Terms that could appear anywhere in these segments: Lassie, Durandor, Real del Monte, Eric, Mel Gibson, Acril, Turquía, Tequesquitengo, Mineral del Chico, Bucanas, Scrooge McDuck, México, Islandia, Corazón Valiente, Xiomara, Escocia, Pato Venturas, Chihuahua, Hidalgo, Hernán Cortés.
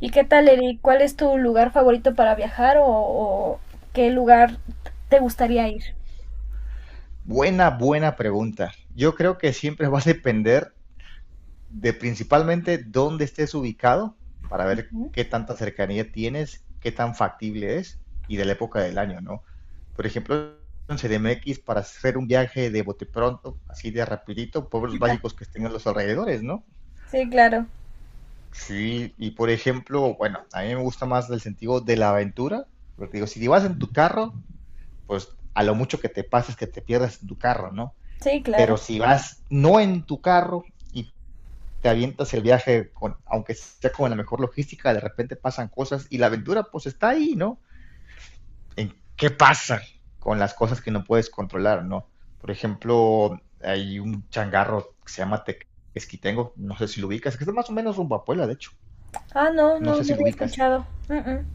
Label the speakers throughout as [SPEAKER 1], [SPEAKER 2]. [SPEAKER 1] ¿Y qué tal, Eric? ¿Cuál es tu lugar favorito para viajar o qué lugar te gustaría ir?
[SPEAKER 2] Buena, buena pregunta. Yo creo que siempre va a depender de principalmente dónde estés ubicado para ver
[SPEAKER 1] Ujú.
[SPEAKER 2] qué tanta cercanía tienes, qué tan factible es y de la época del año, ¿no? Por ejemplo, en CDMX para hacer un viaje de bote pronto, así de rapidito, pueblos mágicos que estén en los alrededores, ¿no?
[SPEAKER 1] Sí, claro.
[SPEAKER 2] Sí, y por ejemplo, bueno, a mí me gusta más el sentido de la aventura, porque digo, si vas en tu carro, pues a lo mucho que te pases que te pierdas en tu carro, ¿no?
[SPEAKER 1] Sí,
[SPEAKER 2] Pero
[SPEAKER 1] claro.
[SPEAKER 2] si vas no en tu carro y te avientas el viaje, con, aunque sea con la mejor logística, de repente pasan cosas y la aventura pues está ahí, ¿no? ¿En qué pasa con las cosas que no puedes controlar, ¿no? Por ejemplo, hay un changarro que se llama Tequesquitengo, no sé si lo ubicas, que es más o menos rumbo a Puebla, de hecho,
[SPEAKER 1] Ah, no,
[SPEAKER 2] no
[SPEAKER 1] no,
[SPEAKER 2] sé
[SPEAKER 1] no
[SPEAKER 2] si lo
[SPEAKER 1] había
[SPEAKER 2] ubicas.
[SPEAKER 1] escuchado. Mm, mm.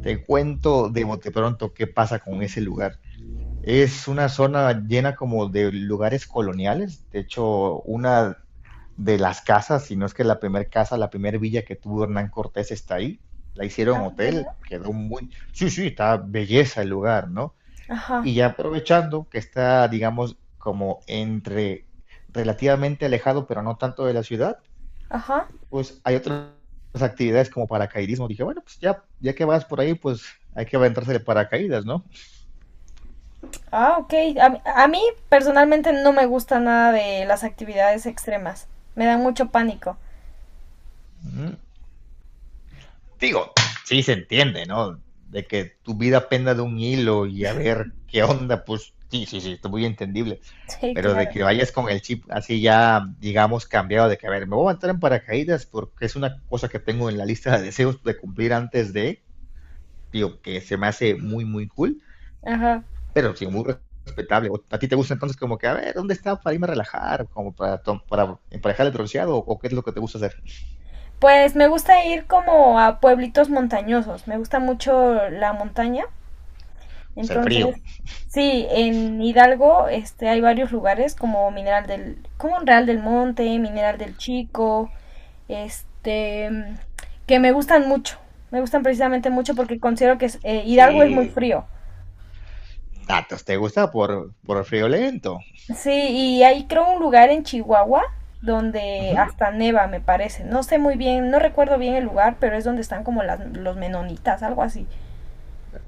[SPEAKER 2] Te cuento de bote pronto qué pasa con ese lugar. Es una zona llena como de lugares coloniales. De hecho, una de las casas, si no es que la primera casa, la primera villa que tuvo Hernán Cortés está ahí. La
[SPEAKER 1] Ah,
[SPEAKER 2] hicieron
[SPEAKER 1] ¿en serio?
[SPEAKER 2] hotel, quedó muy. Sí, sí, está belleza el lugar, ¿no?
[SPEAKER 1] Ajá,
[SPEAKER 2] Y ya aprovechando que está, digamos, como entre relativamente alejado, pero no tanto de la ciudad,
[SPEAKER 1] ajá.
[SPEAKER 2] pues hay otras actividades como paracaidismo. Dije, bueno, pues ya, ya que vas por ahí, pues hay que aventarse de paracaídas, ¿no?
[SPEAKER 1] Ah, ok. A mí, personalmente no me gusta nada de las actividades extremas. Me da mucho pánico.
[SPEAKER 2] Ujú. Digo, sí se entiende, ¿no? De que tu vida penda de un hilo y a ver qué onda, pues sí, sí, sí, está muy entendible.
[SPEAKER 1] Sí,
[SPEAKER 2] Pero de
[SPEAKER 1] claro.
[SPEAKER 2] que vayas con el chip así ya, digamos, cambiado, de que a ver, me voy a entrar en paracaídas porque es una cosa que tengo en la lista de deseos de cumplir antes de, digo, que se me hace muy, muy cool,
[SPEAKER 1] Ajá.
[SPEAKER 2] pero sí, muy respetable. ¿O ¿A ti te gusta entonces como que, a ver, ¿dónde está para irme a relajar? Como para, para emparejar el bronceado o qué es lo que te gusta hacer?
[SPEAKER 1] Pues me gusta ir como a pueblitos montañosos. Me gusta mucho la montaña.
[SPEAKER 2] O sea, el frío.
[SPEAKER 1] Entonces, sí, en Hidalgo hay varios lugares como Mineral del, como Real del Monte, Mineral del Chico, este, mm, que me gustan mucho. Me gustan precisamente mucho porque considero que Hidalgo es muy
[SPEAKER 2] Sí,
[SPEAKER 1] frío.
[SPEAKER 2] datos, ¿te gusta por, el frío lento?
[SPEAKER 1] Sí, y hay creo un lugar en Chihuahua
[SPEAKER 2] Uh
[SPEAKER 1] donde
[SPEAKER 2] -huh,
[SPEAKER 1] hasta neva, me parece. No sé muy bien, no recuerdo bien el lugar, pero es donde están como las, los menonitas, algo así.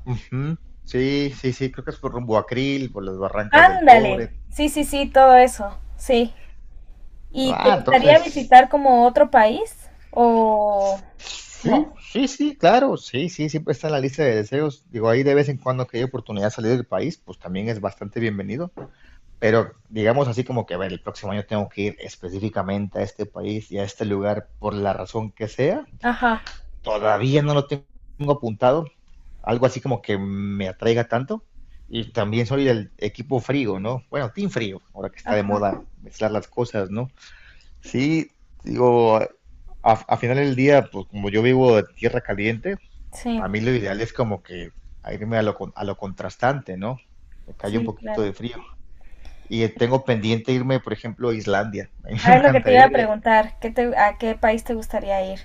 [SPEAKER 2] uh -huh. Sí, sí, sí, creo que es por rumbo a Acril, por las barrancas del
[SPEAKER 1] Ándale.
[SPEAKER 2] cobre.
[SPEAKER 1] Sí, sí, sí, todo eso. Sí. ¿Y te
[SPEAKER 2] Ah,
[SPEAKER 1] gustaría
[SPEAKER 2] entonces,
[SPEAKER 1] visitar como otro país? ¿O
[SPEAKER 2] sí,
[SPEAKER 1] no?
[SPEAKER 2] sí, sí, claro, sí, sí, siempre está en la lista de deseos. Digo, ahí de vez en cuando que hay oportunidad de salir del país, pues también es bastante bienvenido. Pero digamos así como que, a ver, el próximo año tengo que ir específicamente a este país y a este lugar por la razón que sea.
[SPEAKER 1] Ajá,
[SPEAKER 2] Todavía no lo tengo apuntado, algo así como que me atraiga tanto. Y también soy del equipo frío, ¿no? Bueno, Team Frío, ahora que está de
[SPEAKER 1] ajá,
[SPEAKER 2] moda mezclar las cosas, ¿no? Sí, digo, a final del día, pues como yo vivo de tierra caliente,
[SPEAKER 1] sí,
[SPEAKER 2] a mí lo ideal es como que irme a lo, a lo contrastante, ¿no? Que haya un
[SPEAKER 1] sí,
[SPEAKER 2] poquito de
[SPEAKER 1] claro.
[SPEAKER 2] frío. Y tengo pendiente irme, por ejemplo, a Islandia. A mí
[SPEAKER 1] A
[SPEAKER 2] me
[SPEAKER 1] ver, lo que te
[SPEAKER 2] encantaría
[SPEAKER 1] iba a
[SPEAKER 2] ir
[SPEAKER 1] preguntar, a qué país te gustaría ir?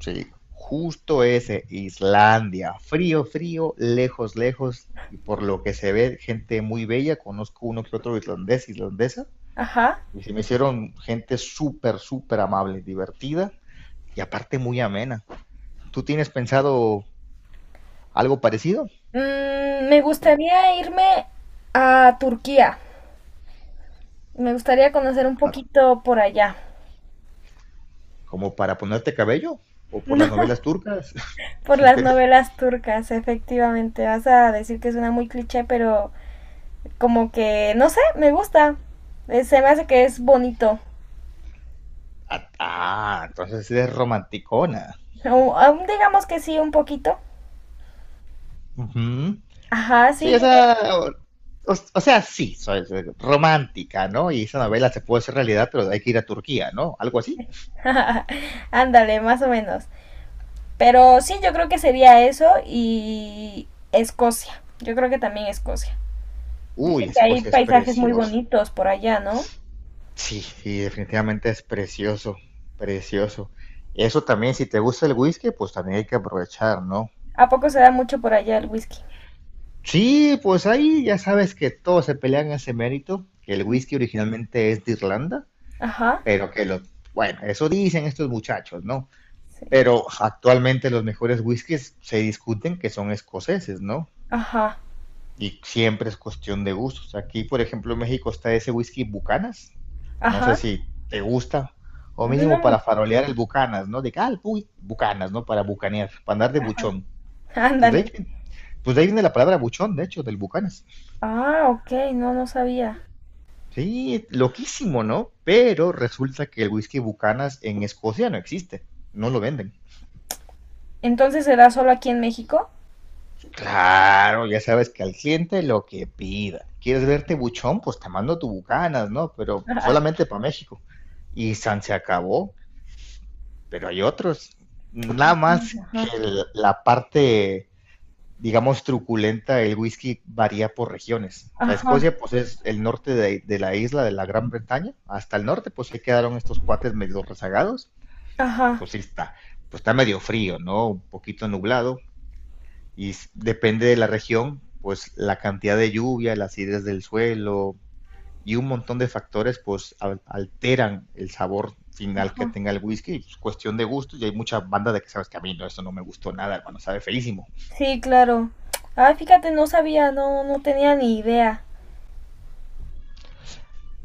[SPEAKER 2] Sí, justo ese, Islandia. Frío, frío, lejos, lejos. Y por lo que se ve, gente muy bella. Conozco uno que otro islandés, islandesa.
[SPEAKER 1] Ajá.
[SPEAKER 2] Y se me hicieron gente súper, súper amable, divertida y aparte muy amena. ¿Tú tienes pensado algo parecido?
[SPEAKER 1] Mm, me gustaría irme a Turquía. Me gustaría conocer un
[SPEAKER 2] Pa-
[SPEAKER 1] poquito por allá.
[SPEAKER 2] ¿Como para ponerte cabello? ¿O por las novelas
[SPEAKER 1] No,
[SPEAKER 2] turcas?
[SPEAKER 1] por
[SPEAKER 2] ¿O
[SPEAKER 1] las
[SPEAKER 2] qué?
[SPEAKER 1] novelas turcas, efectivamente. Vas a decir que suena muy cliché, pero como que, no sé, me gusta. Se me hace que es bonito.
[SPEAKER 2] Ah, ah, entonces eres romanticona.
[SPEAKER 1] Aún digamos que sí, un poquito.
[SPEAKER 2] Ujú.
[SPEAKER 1] Ajá,
[SPEAKER 2] Sí,
[SPEAKER 1] sí,
[SPEAKER 2] o
[SPEAKER 1] yo creo.
[SPEAKER 2] sea, o, o sea, sí, soy romántica, ¿no? Y esa novela se puede hacer realidad, pero hay que ir a Turquía, ¿no? Algo así.
[SPEAKER 1] Ándale, más o menos. Pero sí, yo creo que sería eso y Escocia. Yo creo que también Escocia.
[SPEAKER 2] Uy,
[SPEAKER 1] Dicen que hay
[SPEAKER 2] Escocia es
[SPEAKER 1] paisajes muy
[SPEAKER 2] precioso.
[SPEAKER 1] bonitos por allá, ¿no?
[SPEAKER 2] Sí, sí, definitivamente es precioso, precioso. Eso también, si te gusta el whisky, pues también hay que aprovechar, ¿no?
[SPEAKER 1] ¿A poco se da mucho por allá el whisky?
[SPEAKER 2] Sí, pues ahí ya sabes que todos se pelean ese mérito, que el whisky originalmente es de Irlanda,
[SPEAKER 1] Ajá,
[SPEAKER 2] pero que lo, bueno, eso dicen estos muchachos, ¿no?
[SPEAKER 1] sí.
[SPEAKER 2] Pero actualmente los mejores whiskies se discuten que son escoceses, ¿no?
[SPEAKER 1] Ajá,
[SPEAKER 2] Y siempre es cuestión de gustos. Aquí, por ejemplo, en México está ese whisky Bucanas. No sé
[SPEAKER 1] ajá.
[SPEAKER 2] si te gusta, o
[SPEAKER 1] No
[SPEAKER 2] mínimo para
[SPEAKER 1] mucho.
[SPEAKER 2] farolear el Bucanas, ¿no? De que, ah, uy, Bucanas, ¿no? Para bucanear, para andar de buchón. Pues de
[SPEAKER 1] Ándale.
[SPEAKER 2] ahí, pues de ahí viene la palabra buchón, de hecho, del Bucanas.
[SPEAKER 1] Ah, ok, no, no sabía.
[SPEAKER 2] Sí, loquísimo, ¿no? Pero resulta que el whisky Bucanas en Escocia no existe, no lo venden.
[SPEAKER 1] Entonces será solo aquí en México.
[SPEAKER 2] Claro, ya sabes que al cliente lo que pida. ¿Quieres verte buchón? Pues te mando tu bucanas, ¿no? Pero
[SPEAKER 1] Ajá,
[SPEAKER 2] solamente para México. Y san se acabó, pero hay otros. Nada más que la parte, digamos, truculenta del whisky varía por regiones. O sea,
[SPEAKER 1] ajá,
[SPEAKER 2] Escocia, pues es el norte de la isla de la Gran Bretaña. Hasta el norte, pues se quedaron estos cuates medio rezagados.
[SPEAKER 1] ajá,
[SPEAKER 2] Pues sí está. Pues está medio frío, ¿no? Un poquito nublado y depende de la región, pues la cantidad de lluvia, la acidez del suelo y un montón de factores pues alteran el sabor final que
[SPEAKER 1] ajá.
[SPEAKER 2] tenga el whisky, pues, cuestión de gusto, y hay muchas bandas de que sabes que a mí no, esto no me gustó nada, hermano, sabe feísimo.
[SPEAKER 1] Sí, claro. Ah, fíjate, no sabía, no, no tenía ni idea.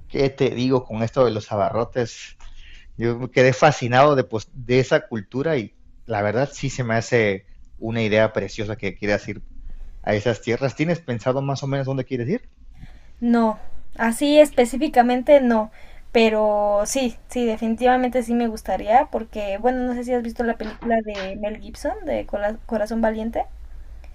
[SPEAKER 2] ¿Qué te digo con esto de los abarrotes? Yo me quedé fascinado de, pues, de esa cultura y la verdad sí se me hace una idea preciosa que quieras ir a esas tierras. ¿Tienes pensado más o menos dónde quieres ir?
[SPEAKER 1] No, así específicamente no. Pero sí, sí, definitivamente sí me gustaría porque, bueno, no sé si has visto la película de Mel Gibson, de Corazón Valiente.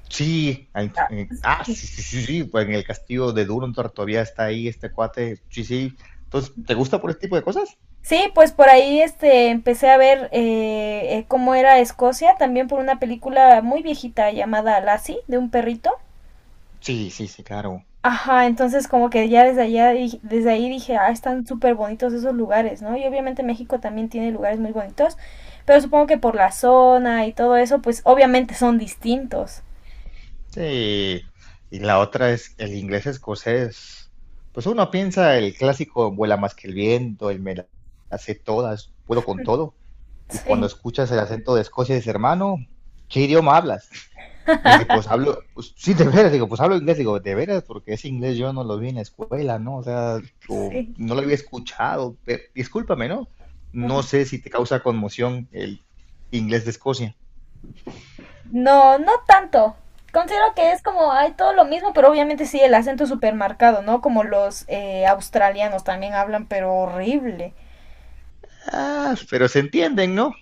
[SPEAKER 2] Sí,
[SPEAKER 1] Ah, sí.
[SPEAKER 2] sí, sí, sí, sí, pues en el castillo de Durandor todavía está ahí este cuate, sí, sí. Entonces, ¿te gusta por este tipo de cosas?
[SPEAKER 1] Sí, pues por ahí empecé a ver cómo era Escocia, también por una película muy viejita llamada Lassie, de un perrito.
[SPEAKER 2] Sí, sí, sí, claro.
[SPEAKER 1] Ajá, entonces como que ya desde allá, desde ahí dije, ah, están súper bonitos esos lugares, ¿no? Y obviamente México también tiene lugares muy bonitos, pero supongo que por la zona y todo eso, pues obviamente son distintos.
[SPEAKER 2] Sí. Y la otra es el inglés escocés. Pues uno piensa el clásico vuela más que el viento, el me la hace todas, puedo con todo. Y cuando
[SPEAKER 1] Sí,
[SPEAKER 2] escuchas el acento de Escocia, dices, hermano, ¿qué idioma hablas? Me dice, pues hablo, pues, sí, de veras, digo, pues hablo inglés, digo, de veras, porque ese inglés yo no lo vi en la escuela, ¿no? O sea, o
[SPEAKER 1] sí.
[SPEAKER 2] no lo había escuchado, pero discúlpame, ¿no? No
[SPEAKER 1] Ujú.
[SPEAKER 2] sé si te causa conmoción el inglés de Escocia.
[SPEAKER 1] No, no tanto. Considero que es como, hay todo lo mismo, pero obviamente sí, el acento súper marcado, ¿no? Como los australianos también hablan, pero horrible.
[SPEAKER 2] Ah, pero se entienden, ¿no?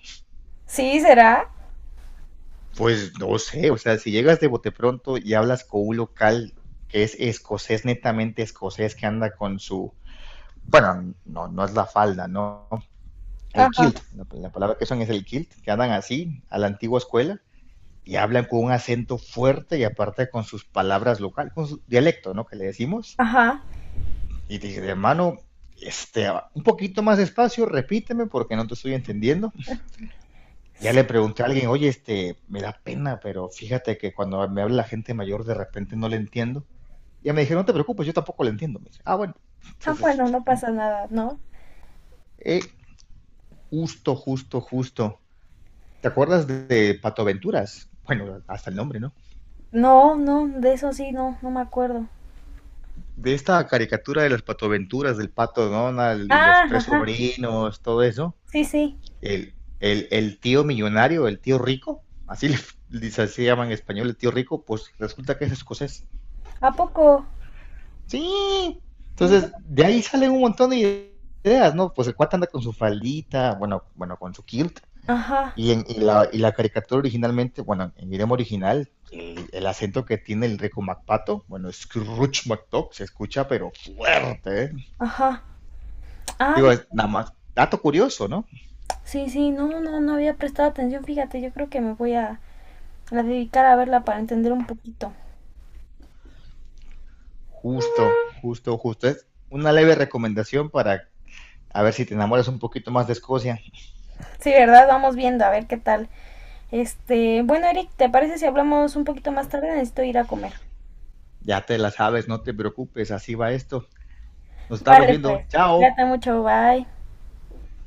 [SPEAKER 1] Sí, ¿será?
[SPEAKER 2] Pues no sé, o sea, si llegas de bote pronto y hablas con un local que es escocés, netamente escocés, que anda con su, bueno, no, no es la falda, ¿no? El kilt,
[SPEAKER 1] Ajá,
[SPEAKER 2] la palabra que son es el kilt, que andan así, a la antigua escuela, y hablan con un acento fuerte y aparte con sus palabras locales, con su dialecto, ¿no? Que le decimos.
[SPEAKER 1] ajá.
[SPEAKER 2] Y te dije, hermano, este, un poquito más despacio, repíteme porque no te estoy entendiendo. Ya le
[SPEAKER 1] Sí.
[SPEAKER 2] pregunté a alguien, oye, este, me da pena, pero fíjate que cuando me habla la gente mayor de repente no le entiendo. Ya me dijeron, no te preocupes, yo tampoco le entiendo. Me dice, ah, bueno,
[SPEAKER 1] Ah,
[SPEAKER 2] entonces,
[SPEAKER 1] bueno, no pasa nada, ¿no?
[SPEAKER 2] eh, justo, justo, justo. ¿Te acuerdas de Pato Venturas? Bueno, hasta el nombre, ¿no?
[SPEAKER 1] No, no, de eso sí, no, no me acuerdo.
[SPEAKER 2] De esta caricatura de las patoaventuras del pato Donald y
[SPEAKER 1] Ah,
[SPEAKER 2] los tres
[SPEAKER 1] ajá,
[SPEAKER 2] sobrinos, todo eso,
[SPEAKER 1] sí, sí.
[SPEAKER 2] el, el tío millonario, el tío rico, así le, así se llama en español, el tío rico, pues resulta que es escocés.
[SPEAKER 1] ¿A poco?
[SPEAKER 2] Sí,
[SPEAKER 1] No,
[SPEAKER 2] entonces de ahí salen un montón de ideas, ¿no? Pues el cuate anda con su faldita, bueno, bueno, con su kilt.
[SPEAKER 1] Ajá,
[SPEAKER 2] Y la caricatura originalmente, bueno, en idioma original, el acento que tiene el rico MacPato, bueno, Scrooge McDuck se escucha pero fuerte, ¿eh?
[SPEAKER 1] ajá. Ah,
[SPEAKER 2] Digo, es
[SPEAKER 1] no,
[SPEAKER 2] nada más, dato curioso, ¿no?
[SPEAKER 1] sí, sí, no, no, no había prestado atención. Fíjate, yo creo que me voy a dedicar a verla para entender un poquito.
[SPEAKER 2] Justo, justo, justo. Es una leve recomendación para a ver si te enamoras un poquito más de Escocia.
[SPEAKER 1] Sí, ¿verdad? Vamos viendo, a ver qué tal. Bueno, Eric, ¿te parece si hablamos un poquito más tarde? Necesito ir a comer.
[SPEAKER 2] Ya te la sabes, no te preocupes, así va esto. Nos estamos
[SPEAKER 1] Vale, pues.
[SPEAKER 2] viendo. Chao.
[SPEAKER 1] Cuídate mucho, bye.